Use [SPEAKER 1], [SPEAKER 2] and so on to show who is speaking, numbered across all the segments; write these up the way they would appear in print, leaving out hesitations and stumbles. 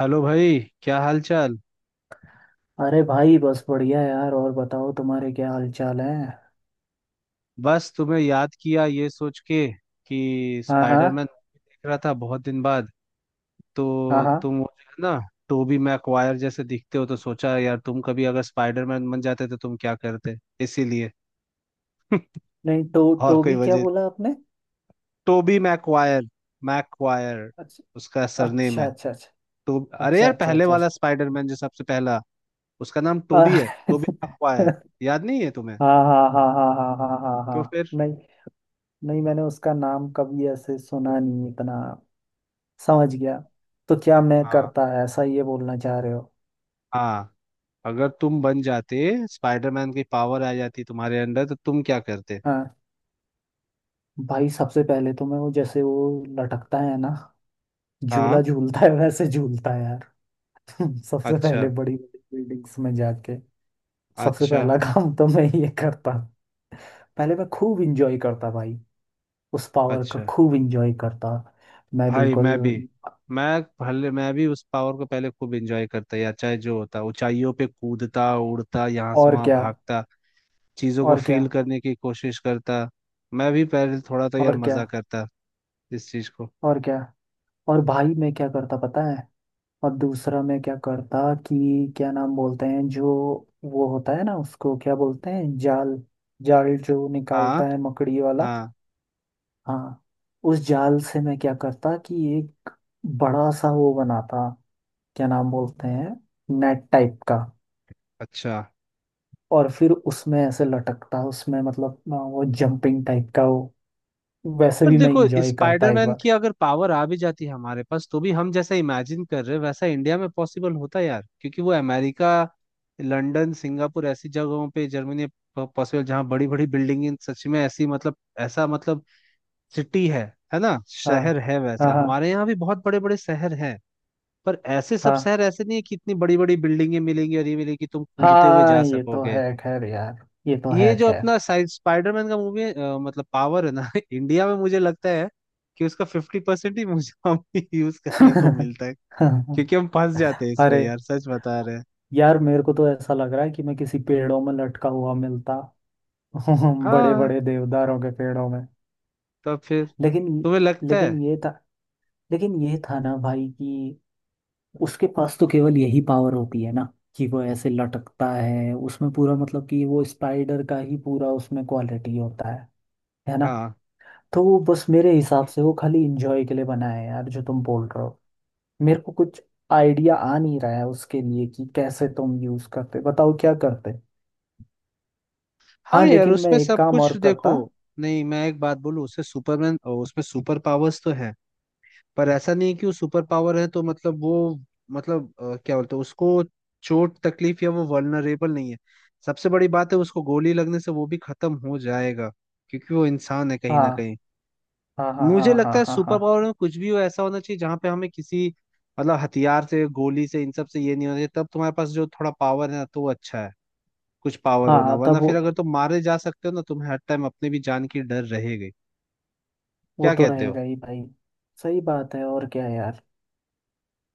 [SPEAKER 1] Hello भाई, क्या हाल चाल।
[SPEAKER 2] अरे भाई बस बढ़िया यार। और बताओ, तुम्हारे क्या हाल चाल है?
[SPEAKER 1] बस तुम्हें याद किया ये सोच के कि
[SPEAKER 2] हाँ, हाँ।
[SPEAKER 1] स्पाइडरमैन मूवी देख रहा था बहुत दिन बाद।
[SPEAKER 2] हाँ,
[SPEAKER 1] तो
[SPEAKER 2] हाँ।
[SPEAKER 1] तुम वो जो है ना, टोबी मैकवायर जैसे दिखते हो, तो सोचा यार तुम कभी अगर स्पाइडरमैन बन जाते तो तुम क्या करते, इसीलिए।
[SPEAKER 2] नहीं, तो
[SPEAKER 1] और कोई
[SPEAKER 2] टोबी क्या
[SPEAKER 1] वजह।
[SPEAKER 2] बोला आपने?
[SPEAKER 1] Tobey Maguire. मैकवायर
[SPEAKER 2] अच्छा,
[SPEAKER 1] उसका सरनेम
[SPEAKER 2] अच्छा,
[SPEAKER 1] है।
[SPEAKER 2] अच्छा,
[SPEAKER 1] तो अरे
[SPEAKER 2] अच्छा, अच्छा,
[SPEAKER 1] यार
[SPEAKER 2] अच्छा,
[SPEAKER 1] पहले
[SPEAKER 2] अच्छा।
[SPEAKER 1] वाला स्पाइडरमैन जो सबसे पहला, उसका नाम
[SPEAKER 2] अ-
[SPEAKER 1] टोबी है, टोबी मैकवायर। याद नहीं है तुम्हें?
[SPEAKER 2] हाँ, हाँ, हाँ, हाँ, हाँ, हाँ, हाँ,
[SPEAKER 1] तो
[SPEAKER 2] हाँ।
[SPEAKER 1] फिर?
[SPEAKER 2] नहीं, नहीं मैंने उसका नाम कभी ऐसे सुना नहीं इतना। समझ गया। तो क्या मैं
[SPEAKER 1] हाँ
[SPEAKER 2] करता है ऐसा, ये बोलना चाह रहे हो?
[SPEAKER 1] हाँ। अगर तुम बन जाते, स्पाइडरमैन की पावर आ जाती तुम्हारे अंदर, तो तुम क्या करते?
[SPEAKER 2] हाँ। भाई सबसे पहले तो मैं वो, जैसे वो लटकता है ना,
[SPEAKER 1] हाँ,
[SPEAKER 2] झूला झूलता है वैसे झूलता है यार। सबसे पहले
[SPEAKER 1] अच्छा,
[SPEAKER 2] बड़ी बड़ी बिल्डिंग्स में जाके, सबसे
[SPEAKER 1] अच्छा,
[SPEAKER 2] पहला काम तो मैं ये करता। पहले मैं खूब इंजॉय करता भाई। उस पावर का
[SPEAKER 1] अच्छा।
[SPEAKER 2] खूब इंजॉय करता मैं,
[SPEAKER 1] भाई
[SPEAKER 2] बिल्कुल।
[SPEAKER 1] मैं भी, मैं भी उस पावर को पहले खूब एंजॉय करता, या चाहे जो होता, ऊंचाइयों पे कूदता, उड़ता, यहाँ से
[SPEAKER 2] और
[SPEAKER 1] वहां
[SPEAKER 2] क्या,
[SPEAKER 1] भागता, चीजों को
[SPEAKER 2] और
[SPEAKER 1] फील
[SPEAKER 2] क्या,
[SPEAKER 1] करने की कोशिश करता। मैं भी पहले थोड़ा तो यार
[SPEAKER 2] और क्या,
[SPEAKER 1] मजा करता इस चीज को।
[SPEAKER 2] और क्या। और भाई मैं क्या करता पता है, और दूसरा मैं क्या करता, कि क्या नाम बोलते हैं जो, वो होता है ना, उसको क्या बोलते हैं, जाल। जाल जो
[SPEAKER 1] हाँ,
[SPEAKER 2] निकालता है मकड़ी वाला।
[SPEAKER 1] हाँ,
[SPEAKER 2] हाँ। उस जाल से मैं क्या करता कि एक बड़ा सा वो बनाता, क्या नाम बोलते हैं, नेट टाइप का।
[SPEAKER 1] अच्छा।
[SPEAKER 2] और फिर उसमें ऐसे लटकता उसमें मतलब वो जंपिंग टाइप का वो, वैसे
[SPEAKER 1] पर
[SPEAKER 2] भी मैं
[SPEAKER 1] देखो,
[SPEAKER 2] इंजॉय करता एक
[SPEAKER 1] स्पाइडरमैन की
[SPEAKER 2] बार।
[SPEAKER 1] अगर पावर आ भी जाती है हमारे पास तो भी हम जैसा इमेजिन कर रहे हैं वैसा इंडिया में पॉसिबल होता है यार, क्योंकि वो अमेरिका, लंदन, सिंगापुर, ऐसी जगहों पे, जर्मनी, पॉसिबल जहाँ बड़ी बड़ी बिल्डिंग सच में ऐसी, मतलब ऐसा, मतलब सिटी है ना,
[SPEAKER 2] हाँ,
[SPEAKER 1] शहर है,
[SPEAKER 2] हाँ,
[SPEAKER 1] वैसा
[SPEAKER 2] हाँ,
[SPEAKER 1] हमारे यहाँ भी बहुत बड़े बड़े शहर हैं। पर ऐसे सब
[SPEAKER 2] हाँ,
[SPEAKER 1] शहर ऐसे नहीं है कि इतनी बड़ी बड़ी बिल्डिंगे मिलेंगी और ये मिलेगी तुम कूदते हुए
[SPEAKER 2] हाँ।
[SPEAKER 1] जा
[SPEAKER 2] ये तो
[SPEAKER 1] सकोगे।
[SPEAKER 2] है खैर यार। ये तो
[SPEAKER 1] ये
[SPEAKER 2] है
[SPEAKER 1] जो
[SPEAKER 2] खैर।
[SPEAKER 1] अपना साइड स्पाइडरमैन का मूवी है, मतलब पावर है ना। इंडिया में मुझे लगता है कि उसका 50% ही मुझे, हमें यूज करने को मिलता है। क्योंकि हम फंस जाते हैं इसमें
[SPEAKER 2] अरे
[SPEAKER 1] यार, सच बता रहे हैं।
[SPEAKER 2] यार, मेरे को तो ऐसा लग रहा है कि मैं किसी पेड़ों में लटका हुआ मिलता। बड़े
[SPEAKER 1] हाँ।
[SPEAKER 2] बड़े देवदारों के पेड़ों में।
[SPEAKER 1] तो फिर
[SPEAKER 2] लेकिन
[SPEAKER 1] तुम्हें लगता है?
[SPEAKER 2] लेकिन ये था लेकिन ये था ना भाई, कि उसके पास तो केवल यही पावर होती है ना, कि वो ऐसे लटकता है उसमें, पूरा मतलब कि वो स्पाइडर का ही पूरा उसमें क्वालिटी होता है ना?
[SPEAKER 1] हाँ
[SPEAKER 2] तो वो बस मेरे हिसाब से वो खाली इंजॉय के लिए बना है यार, जो तुम बोल रहे हो। मेरे को कुछ आइडिया आ नहीं रहा है उसके लिए, कि कैसे तुम यूज करते, बताओ क्या करते।
[SPEAKER 1] हाँ
[SPEAKER 2] हाँ
[SPEAKER 1] यार
[SPEAKER 2] लेकिन मैं
[SPEAKER 1] उसमें
[SPEAKER 2] एक
[SPEAKER 1] सब
[SPEAKER 2] काम और
[SPEAKER 1] कुछ देखो।
[SPEAKER 2] करता।
[SPEAKER 1] नहीं मैं एक बात बोलूं, उससे सुपरमैन, उसमें सुपर पावर्स तो है, पर ऐसा नहीं है कि वो सुपर पावर है तो मतलब वो, मतलब क्या बोलते हैं उसको, चोट तकलीफ या वो वल्नरेबल नहीं है। सबसे बड़ी बात है उसको गोली लगने से वो भी खत्म हो जाएगा, क्योंकि वो इंसान है कहीं ना
[SPEAKER 2] हाँ,
[SPEAKER 1] कहीं।
[SPEAKER 2] हाँ, हाँ, हाँ,
[SPEAKER 1] मुझे लगता
[SPEAKER 2] हाँ,
[SPEAKER 1] है
[SPEAKER 2] हाँ, हाँ,
[SPEAKER 1] सुपर पावर में कुछ भी हो ऐसा होना चाहिए जहां पे हमें किसी मतलब हथियार से, गोली से, इन सब से ये नहीं होना चाहिए, तब तुम्हारे पास जो थोड़ा पावर है ना तो वो अच्छा है। कुछ पावर
[SPEAKER 2] हाँ।
[SPEAKER 1] होना,
[SPEAKER 2] हाँ, तब
[SPEAKER 1] वरना
[SPEAKER 2] वो
[SPEAKER 1] फिर अगर तुम मारे जा सकते हो ना, तुम्हें हर टाइम अपने भी जान की डर रहेगी।
[SPEAKER 2] वो
[SPEAKER 1] क्या
[SPEAKER 2] तो
[SPEAKER 1] कहते हो?
[SPEAKER 2] रहेगा ही भाई। सही बात है और क्या यार।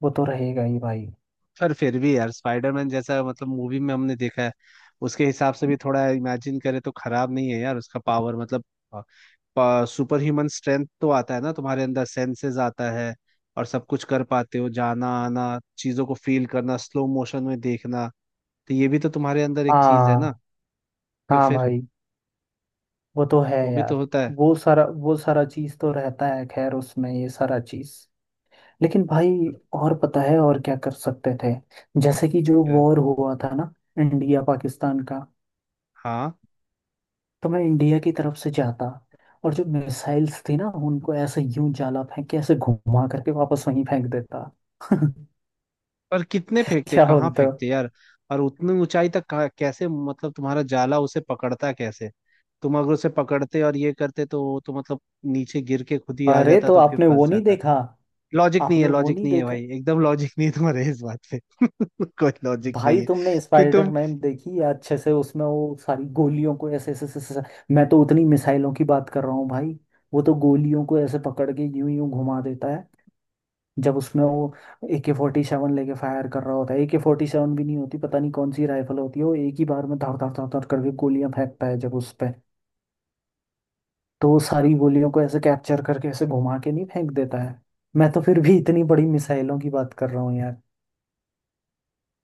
[SPEAKER 2] वो तो रहेगा ही भाई।
[SPEAKER 1] पर फिर भी यार स्पाइडरमैन जैसा मतलब मूवी में हमने देखा है, उसके हिसाब से भी थोड़ा इमेजिन करें तो खराब नहीं है यार उसका पावर, मतलब सुपर ह्यूमन स्ट्रेंथ तो आता है ना तुम्हारे अंदर, सेंसेस आता है, और सब कुछ कर पाते हो, जाना आना, चीजों को फील करना, स्लो मोशन में देखना, तो ये भी तो तुम्हारे अंदर एक चीज है ना।
[SPEAKER 2] हाँ।
[SPEAKER 1] तो
[SPEAKER 2] हाँ
[SPEAKER 1] फिर
[SPEAKER 2] भाई, वो तो है
[SPEAKER 1] वो भी तो
[SPEAKER 2] यार।
[SPEAKER 1] होता है।
[SPEAKER 2] वो सारा चीज़ तो रहता है खैर उसमें, ये सारा चीज़। लेकिन भाई, और पता है और क्या कर सकते थे? जैसे कि जो वॉर हुआ था ना, इंडिया पाकिस्तान का,
[SPEAKER 1] हाँ।
[SPEAKER 2] तो मैं इंडिया की तरफ से जाता। और जो मिसाइल्स थी ना, उनको ऐसे यूं जाला फेंक के ऐसे घुमा करके वापस वहीं फेंक देता।
[SPEAKER 1] पर कितने फेंकते,
[SPEAKER 2] क्या
[SPEAKER 1] कहाँ
[SPEAKER 2] बोलते हो?
[SPEAKER 1] फेंकते यार? और उतनी ऊंचाई तक कैसे, मतलब तुम्हारा जाला उसे पकड़ता कैसे? तुम अगर उसे पकड़ते और ये करते तो वो तो मतलब नीचे गिर के खुद ही आ
[SPEAKER 2] अरे
[SPEAKER 1] जाता,
[SPEAKER 2] तो
[SPEAKER 1] तो फिर
[SPEAKER 2] आपने वो
[SPEAKER 1] फंस
[SPEAKER 2] नहीं
[SPEAKER 1] जाता।
[SPEAKER 2] देखा?
[SPEAKER 1] लॉजिक नहीं है,
[SPEAKER 2] आपने वो
[SPEAKER 1] लॉजिक
[SPEAKER 2] नहीं
[SPEAKER 1] नहीं है
[SPEAKER 2] देखा?
[SPEAKER 1] भाई, एकदम लॉजिक नहीं है तुम्हारे इस बात पे, कोई लॉजिक नहीं
[SPEAKER 2] भाई
[SPEAKER 1] है
[SPEAKER 2] तुमने
[SPEAKER 1] कि तुम।
[SPEAKER 2] स्पाइडरमैन देखी या अच्छे से? उसमें वो सारी गोलियों को ऐसे ऐसे ऐसे ऐसे- मैं तो उतनी मिसाइलों की बात कर रहा हूँ भाई। वो तो गोलियों को ऐसे पकड़ के यूं यूं घुमा देता है, जब उसमें वो AK-47 लेके फायर कर रहा होता है। AK-47 भी नहीं होती, पता नहीं कौन सी राइफल होती है, वो एक ही बार में धड़ धड़ धड़ धड़ करके गोलियां फेंकता है जब उस पे, तो वो सारी गोलियों को ऐसे कैप्चर करके ऐसे घुमा के नहीं फेंक देता है? मैं तो फिर भी इतनी बड़ी मिसाइलों की बात कर रहा हूँ यार।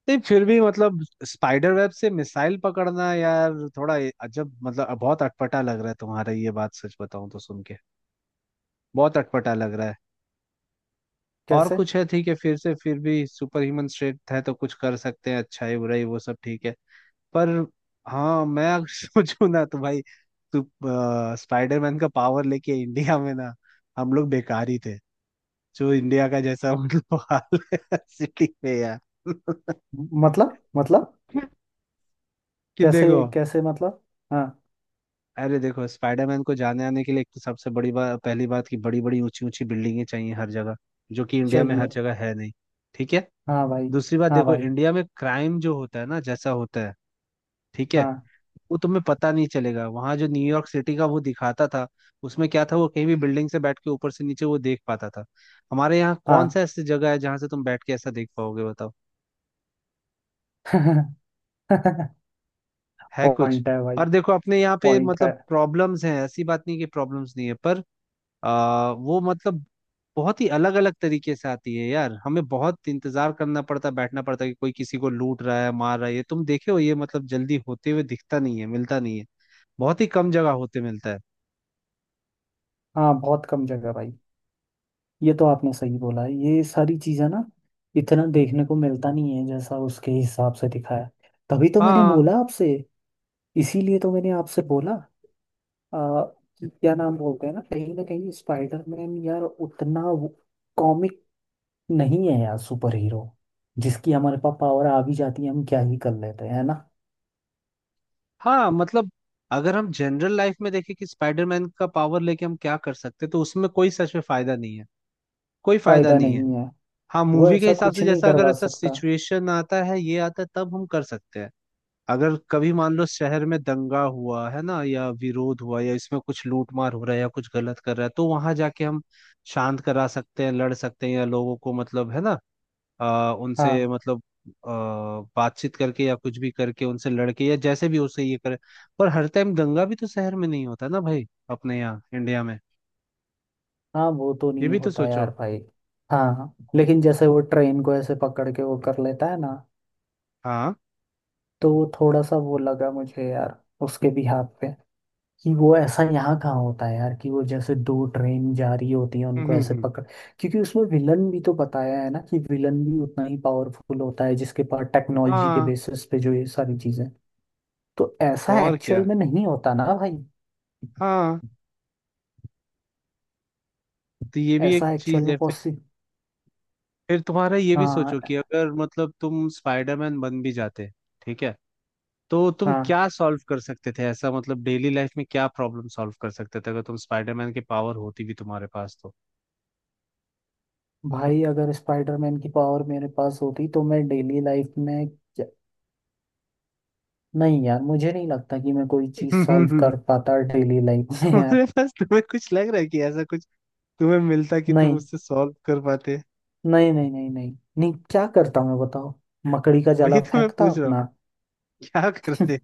[SPEAKER 1] नहीं फिर भी मतलब स्पाइडर वेब से मिसाइल पकड़ना यार थोड़ा अजब, मतलब बहुत अटपटा लग रहा है तुम्हारा ये बात, सच बताऊं तो सुन के बहुत अटपटा लग रहा है। और
[SPEAKER 2] कैसे?
[SPEAKER 1] कुछ है ठीक है, फिर से फिर भी सुपर ह्यूमन स्ट्रेंथ है तो कुछ कर सकते हैं, अच्छाई बुराई वो सब ठीक है, पर। हाँ मैं अगर सोचूं ना तो भाई, तू स्पाइडरमैन का पावर लेके इंडिया में ना, हम लोग बेकार ही थे, जो इंडिया का जैसा मतलब हाल है सिटी में यार।
[SPEAKER 2] मतलब।
[SPEAKER 1] कि देखो।
[SPEAKER 2] कैसे कैसे मतलब? हाँ।
[SPEAKER 1] अरे देखो, स्पाइडरमैन को जाने आने के लिए एक तो सबसे बड़ी बात, पहली बात कि बड़ी बड़ी ऊंची ऊंची बिल्डिंगें चाहिए हर जगह, जो कि इंडिया में
[SPEAKER 2] सही
[SPEAKER 1] हर
[SPEAKER 2] है।
[SPEAKER 1] जगह है नहीं, ठीक है।
[SPEAKER 2] हाँ भाई।
[SPEAKER 1] दूसरी बात
[SPEAKER 2] हाँ
[SPEAKER 1] देखो,
[SPEAKER 2] भाई।
[SPEAKER 1] इंडिया में क्राइम जो होता है ना जैसा होता है, ठीक है,
[SPEAKER 2] हाँ,
[SPEAKER 1] वो तुम्हें पता नहीं चलेगा। वहां जो न्यूयॉर्क सिटी का वो दिखाता था, उसमें क्या था, वो कहीं भी बिल्डिंग से बैठ के ऊपर से नीचे वो देख पाता था। हमारे यहाँ
[SPEAKER 2] हाँ।
[SPEAKER 1] कौन सा ऐसी जगह है जहां से तुम बैठ के ऐसा देख पाओगे, बताओ, है कुछ?
[SPEAKER 2] पॉइंट है भाई।
[SPEAKER 1] और देखो अपने यहाँ पे
[SPEAKER 2] पॉइंट है।
[SPEAKER 1] मतलब प्रॉब्लम्स हैं, ऐसी बात नहीं कि प्रॉब्लम्स नहीं है, पर वो मतलब बहुत ही अलग अलग तरीके से आती है यार, हमें बहुत इंतजार करना पड़ता है, बैठना पड़ता है कि कोई किसी को लूट रहा है, मार रहा है, ये तुम देखे हो, ये मतलब जल्दी होते हुए दिखता नहीं है, मिलता नहीं है, बहुत ही कम जगह होते मिलता है।
[SPEAKER 2] हाँ, बहुत कम जगह भाई। ये तो आपने सही बोला है, ये सारी चीजें ना इतना देखने को मिलता नहीं है जैसा उसके हिसाब से दिखाया। तभी तो मैंने
[SPEAKER 1] हाँ
[SPEAKER 2] बोला आपसे। इसीलिए तो मैंने आपसे बोला आ, कि क्या नाम बोलते हैं ना, कहीं ना कहीं स्पाइडरमैन यार उतना कॉमिक नहीं है यार, सुपर हीरो जिसकी हमारे पास पावर आ भी जाती है, हम क्या ही कर लेते हैं, है ना?
[SPEAKER 1] हाँ, मतलब अगर हम जनरल लाइफ में देखें कि स्पाइडरमैन का पावर लेके हम क्या कर सकते हैं तो उसमें कोई सच में फायदा नहीं है, कोई फायदा
[SPEAKER 2] फायदा
[SPEAKER 1] नहीं है।
[SPEAKER 2] नहीं है।
[SPEAKER 1] हाँ,
[SPEAKER 2] वो
[SPEAKER 1] मूवी के
[SPEAKER 2] ऐसा
[SPEAKER 1] हिसाब
[SPEAKER 2] कुछ
[SPEAKER 1] से
[SPEAKER 2] नहीं
[SPEAKER 1] जैसा अगर
[SPEAKER 2] करवा
[SPEAKER 1] ऐसा
[SPEAKER 2] सकता।
[SPEAKER 1] सिचुएशन आता है, ये आता है, तब हम कर सकते हैं। अगर कभी मान लो शहर में दंगा हुआ है ना, या विरोध हुआ, या इसमें कुछ लूटमार हो रहा है या कुछ गलत कर रहा है, तो वहां जाके हम शांत करा सकते हैं, लड़ सकते हैं, या लोगों को मतलब है ना, उनसे
[SPEAKER 2] हाँ,
[SPEAKER 1] मतलब आ, बातचीत करके या कुछ भी करके उनसे लड़के या जैसे भी उससे ये करे। पर हर टाइम दंगा भी तो शहर में नहीं होता ना भाई, अपने यहाँ इंडिया में,
[SPEAKER 2] हाँ वो तो
[SPEAKER 1] ये
[SPEAKER 2] नहीं
[SPEAKER 1] भी तो
[SPEAKER 2] होता
[SPEAKER 1] सोचो।
[SPEAKER 2] यार भाई। हाँ लेकिन जैसे वो ट्रेन को ऐसे पकड़ के वो कर लेता है ना,
[SPEAKER 1] हाँ,
[SPEAKER 2] तो वो थोड़ा सा वो लगा मुझे यार उसके भी हाथ पे, कि वो ऐसा यहाँ कहाँ होता है यार कि वो जैसे दो ट्रेन जा रही होती है
[SPEAKER 1] हम्म
[SPEAKER 2] उनको
[SPEAKER 1] हम्म,
[SPEAKER 2] ऐसे
[SPEAKER 1] हम्म।
[SPEAKER 2] पकड़। क्योंकि उसमें विलन भी तो बताया है ना, कि विलन भी उतना ही पावरफुल होता है, जिसके पास टेक्नोलॉजी के
[SPEAKER 1] हाँ
[SPEAKER 2] बेसिस पे जो ये सारी चीजें। तो
[SPEAKER 1] तो
[SPEAKER 2] ऐसा
[SPEAKER 1] और
[SPEAKER 2] एक्चुअल
[SPEAKER 1] क्या।
[SPEAKER 2] में नहीं होता ना भाई।
[SPEAKER 1] हाँ तो ये भी एक
[SPEAKER 2] ऐसा एक्चुअल
[SPEAKER 1] चीज
[SPEAKER 2] में
[SPEAKER 1] है।
[SPEAKER 2] पॉसिबल।
[SPEAKER 1] फिर तुम्हारा ये भी सोचो
[SPEAKER 2] हाँ।
[SPEAKER 1] कि अगर मतलब तुम स्पाइडरमैन बन भी जाते, ठीक है, तो तुम
[SPEAKER 2] हाँ
[SPEAKER 1] क्या सॉल्व कर सकते थे, ऐसा मतलब डेली लाइफ में क्या प्रॉब्लम सॉल्व कर सकते थे अगर तुम स्पाइडरमैन की पावर होती भी तुम्हारे पास तो?
[SPEAKER 2] भाई, अगर स्पाइडरमैन की पावर मेरे पास होती तो मैं डेली लाइफ में क्या- नहीं यार, मुझे नहीं लगता कि मैं कोई चीज सॉल्व
[SPEAKER 1] तुम्हारे
[SPEAKER 2] कर पाता डेली लाइफ में यार।
[SPEAKER 1] पास, तुम्हें कुछ लग रहा है कि ऐसा कुछ तुम्हें मिलता कि तुम
[SPEAKER 2] नहीं,
[SPEAKER 1] उससे सॉल्व कर पाते?
[SPEAKER 2] नहीं, नहीं, नहीं, नहीं, नहीं, क्या करता मैं बताओ। मकड़ी का जाला
[SPEAKER 1] वही तो मैं
[SPEAKER 2] फेंकता
[SPEAKER 1] पूछ रहा हूँ,
[SPEAKER 2] अपना।
[SPEAKER 1] क्या करते।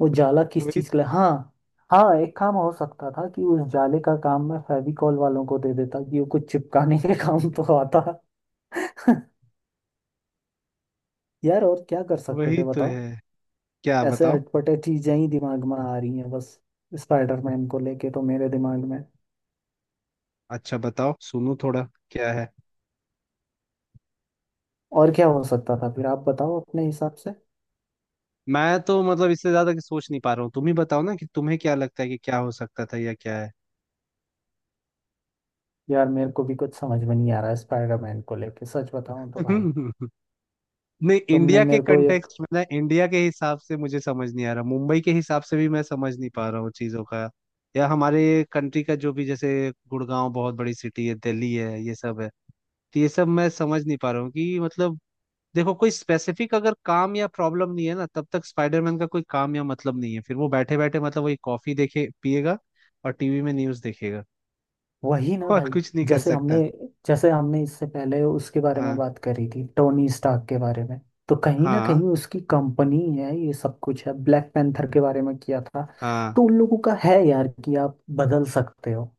[SPEAKER 2] वो जाला किस
[SPEAKER 1] वही,
[SPEAKER 2] चीज के लिए? हाँ। हाँ, एक काम हो सकता था कि उस जाले का काम मैं फेविकॉल वालों को दे देता, कि वो कुछ चिपकाने के काम तो आता। यार और क्या कर सकते
[SPEAKER 1] वही
[SPEAKER 2] थे
[SPEAKER 1] तो
[SPEAKER 2] बताओ।
[SPEAKER 1] है, क्या
[SPEAKER 2] ऐसे
[SPEAKER 1] बताओ।
[SPEAKER 2] अटपटे चीजें ही दिमाग में आ रही हैं बस, स्पाइडरमैन को लेके तो मेरे दिमाग में।
[SPEAKER 1] अच्छा बताओ, सुनो थोड़ा, क्या है।
[SPEAKER 2] और क्या हो सकता था फिर आप बताओ अपने हिसाब से।
[SPEAKER 1] मैं तो मतलब इससे ज्यादा कि सोच नहीं पा रहा हूँ, तुम ही बताओ ना कि तुम्हें क्या लगता है कि क्या हो सकता था या क्या है।
[SPEAKER 2] यार मेरे को भी कुछ समझ में नहीं आ रहा है स्पाइडरमैन को लेके, सच बताऊं तो भाई।
[SPEAKER 1] हम्म, हम्म। नहीं,
[SPEAKER 2] तुमने
[SPEAKER 1] इंडिया के
[SPEAKER 2] मेरे को ये,
[SPEAKER 1] कंटेक्स्ट में ना, इंडिया के हिसाब से मुझे समझ नहीं आ रहा, मुंबई के हिसाब से भी मैं समझ नहीं पा रहा हूँ चीजों का, या हमारे कंट्री का जो भी, जैसे गुड़गांव बहुत बड़ी सिटी है, दिल्ली है, ये सब है, तो ये सब मैं समझ नहीं पा रहा हूँ कि मतलब, देखो कोई स्पेसिफिक अगर काम या प्रॉब्लम नहीं है ना, तब तक स्पाइडरमैन का कोई काम या मतलब नहीं है, फिर वो बैठे बैठे मतलब वही कॉफी देखे पिएगा और टीवी में न्यूज देखेगा,
[SPEAKER 2] वही ना
[SPEAKER 1] और
[SPEAKER 2] भाई।
[SPEAKER 1] कुछ नहीं कर
[SPEAKER 2] जैसे
[SPEAKER 1] सकता।
[SPEAKER 2] हमने जैसे हमने इससे पहले उसके बारे में
[SPEAKER 1] हाँ
[SPEAKER 2] बात करी थी टोनी स्टार्क के बारे में। तो कहीं ना कहीं
[SPEAKER 1] हाँ
[SPEAKER 2] उसकी कंपनी है, ये सब कुछ है। ब्लैक पैंथर के बारे में किया था।
[SPEAKER 1] हाँ
[SPEAKER 2] तो उन लोगों का है यार, कि आप बदल सकते हो।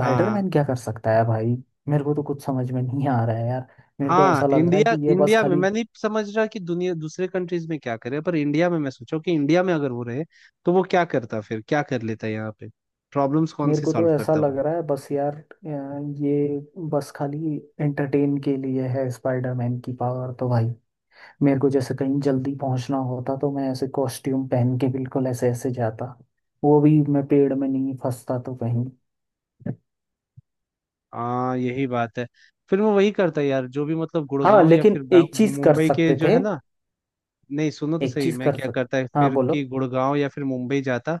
[SPEAKER 1] हाँ
[SPEAKER 2] क्या कर सकता है भाई? मेरे को तो कुछ समझ में नहीं आ रहा है यार। मेरे को
[SPEAKER 1] हाँ,
[SPEAKER 2] ऐसा लग रहा है
[SPEAKER 1] इंडिया,
[SPEAKER 2] कि ये बस
[SPEAKER 1] इंडिया में
[SPEAKER 2] खाली।
[SPEAKER 1] मैं नहीं समझ रहा कि दुनिया दूसरे कंट्रीज में क्या करे, पर इंडिया में मैं सोचा कि इंडिया में अगर वो रहे तो वो क्या करता, फिर क्या कर लेता यहाँ पे, प्रॉब्लम्स कौन
[SPEAKER 2] मेरे
[SPEAKER 1] सी
[SPEAKER 2] को तो
[SPEAKER 1] सॉल्व
[SPEAKER 2] ऐसा
[SPEAKER 1] करता
[SPEAKER 2] लग
[SPEAKER 1] वो।
[SPEAKER 2] रहा है बस यार ये बस खाली एंटरटेन के लिए है स्पाइडरमैन की पावर तो भाई। मेरे को जैसे कहीं जल्दी पहुंचना होता तो मैं ऐसे कॉस्ट्यूम पहन के बिल्कुल ऐसे ऐसे जाता। वो भी मैं पेड़ में नहीं फंसता तो कहीं।
[SPEAKER 1] हाँ, यही बात है, फिर वो वही करता यार जो भी मतलब
[SPEAKER 2] हाँ
[SPEAKER 1] गुड़गांव या
[SPEAKER 2] लेकिन
[SPEAKER 1] फिर
[SPEAKER 2] एक चीज कर
[SPEAKER 1] मुंबई के
[SPEAKER 2] सकते
[SPEAKER 1] जो है
[SPEAKER 2] थे।
[SPEAKER 1] ना। नहीं सुनो तो
[SPEAKER 2] एक
[SPEAKER 1] सही,
[SPEAKER 2] चीज
[SPEAKER 1] मैं
[SPEAKER 2] कर
[SPEAKER 1] क्या करता है
[SPEAKER 2] सकते, हाँ
[SPEAKER 1] फिर,
[SPEAKER 2] बोलो।
[SPEAKER 1] कि गुड़गांव या फिर मुंबई जाता,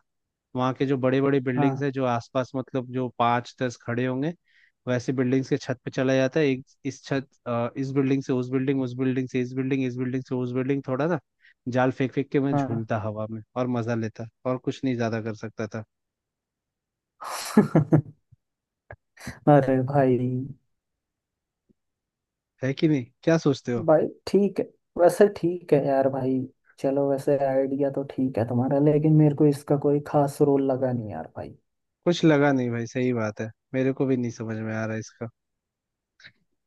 [SPEAKER 1] वहाँ के जो बड़े बड़े
[SPEAKER 2] हाँ।
[SPEAKER 1] बिल्डिंग्स है जो आसपास, मतलब जो पाँच दस खड़े होंगे, वैसे बिल्डिंग्स के छत पे चला जाता है, एक इस छत, इस बिल्डिंग से उस बिल्डिंग, उस बिल्डिंग से इस बिल्डिंग, इस बिल्डिंग से उस बिल्डिंग, थोड़ा ना जाल फेंक फेंक के मैं
[SPEAKER 2] हाँ।
[SPEAKER 1] झूलता हवा में और मजा लेता, और कुछ नहीं ज्यादा कर सकता था।
[SPEAKER 2] अरे भाई।
[SPEAKER 1] है कि नहीं, क्या सोचते हो?
[SPEAKER 2] भाई ठीक है। वैसे ठीक है यार भाई। चलो वैसे आइडिया तो ठीक है तुम्हारा, लेकिन मेरे को इसका कोई खास रोल लगा नहीं यार भाई।
[SPEAKER 1] कुछ लगा नहीं भाई, सही बात है, मेरे को भी नहीं समझ में आ रहा इसका,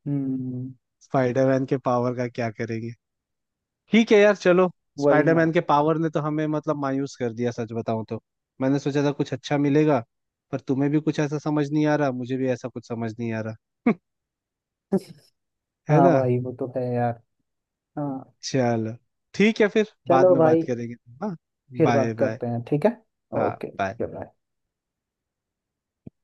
[SPEAKER 2] हम्म।
[SPEAKER 1] स्पाइडरमैन के पावर का क्या करेंगे, ठीक है यार चलो।
[SPEAKER 2] वही ना।
[SPEAKER 1] स्पाइडरमैन के पावर ने तो हमें मतलब मायूस कर दिया सच बताऊं तो। मैंने सोचा था कुछ अच्छा मिलेगा, पर तुम्हें भी कुछ ऐसा समझ नहीं आ रहा, मुझे भी ऐसा कुछ समझ नहीं आ रहा। है
[SPEAKER 2] हाँ
[SPEAKER 1] ना,
[SPEAKER 2] भाई वो तो है यार। हाँ।
[SPEAKER 1] चलो, ठीक है, फिर बाद
[SPEAKER 2] चलो
[SPEAKER 1] में बात
[SPEAKER 2] भाई।
[SPEAKER 1] करेंगे। हाँ,
[SPEAKER 2] फिर
[SPEAKER 1] बाय
[SPEAKER 2] बात
[SPEAKER 1] बाय,
[SPEAKER 2] करते हैं, ठीक है।
[SPEAKER 1] हाँ,
[SPEAKER 2] ओके।
[SPEAKER 1] bye।
[SPEAKER 2] बाय।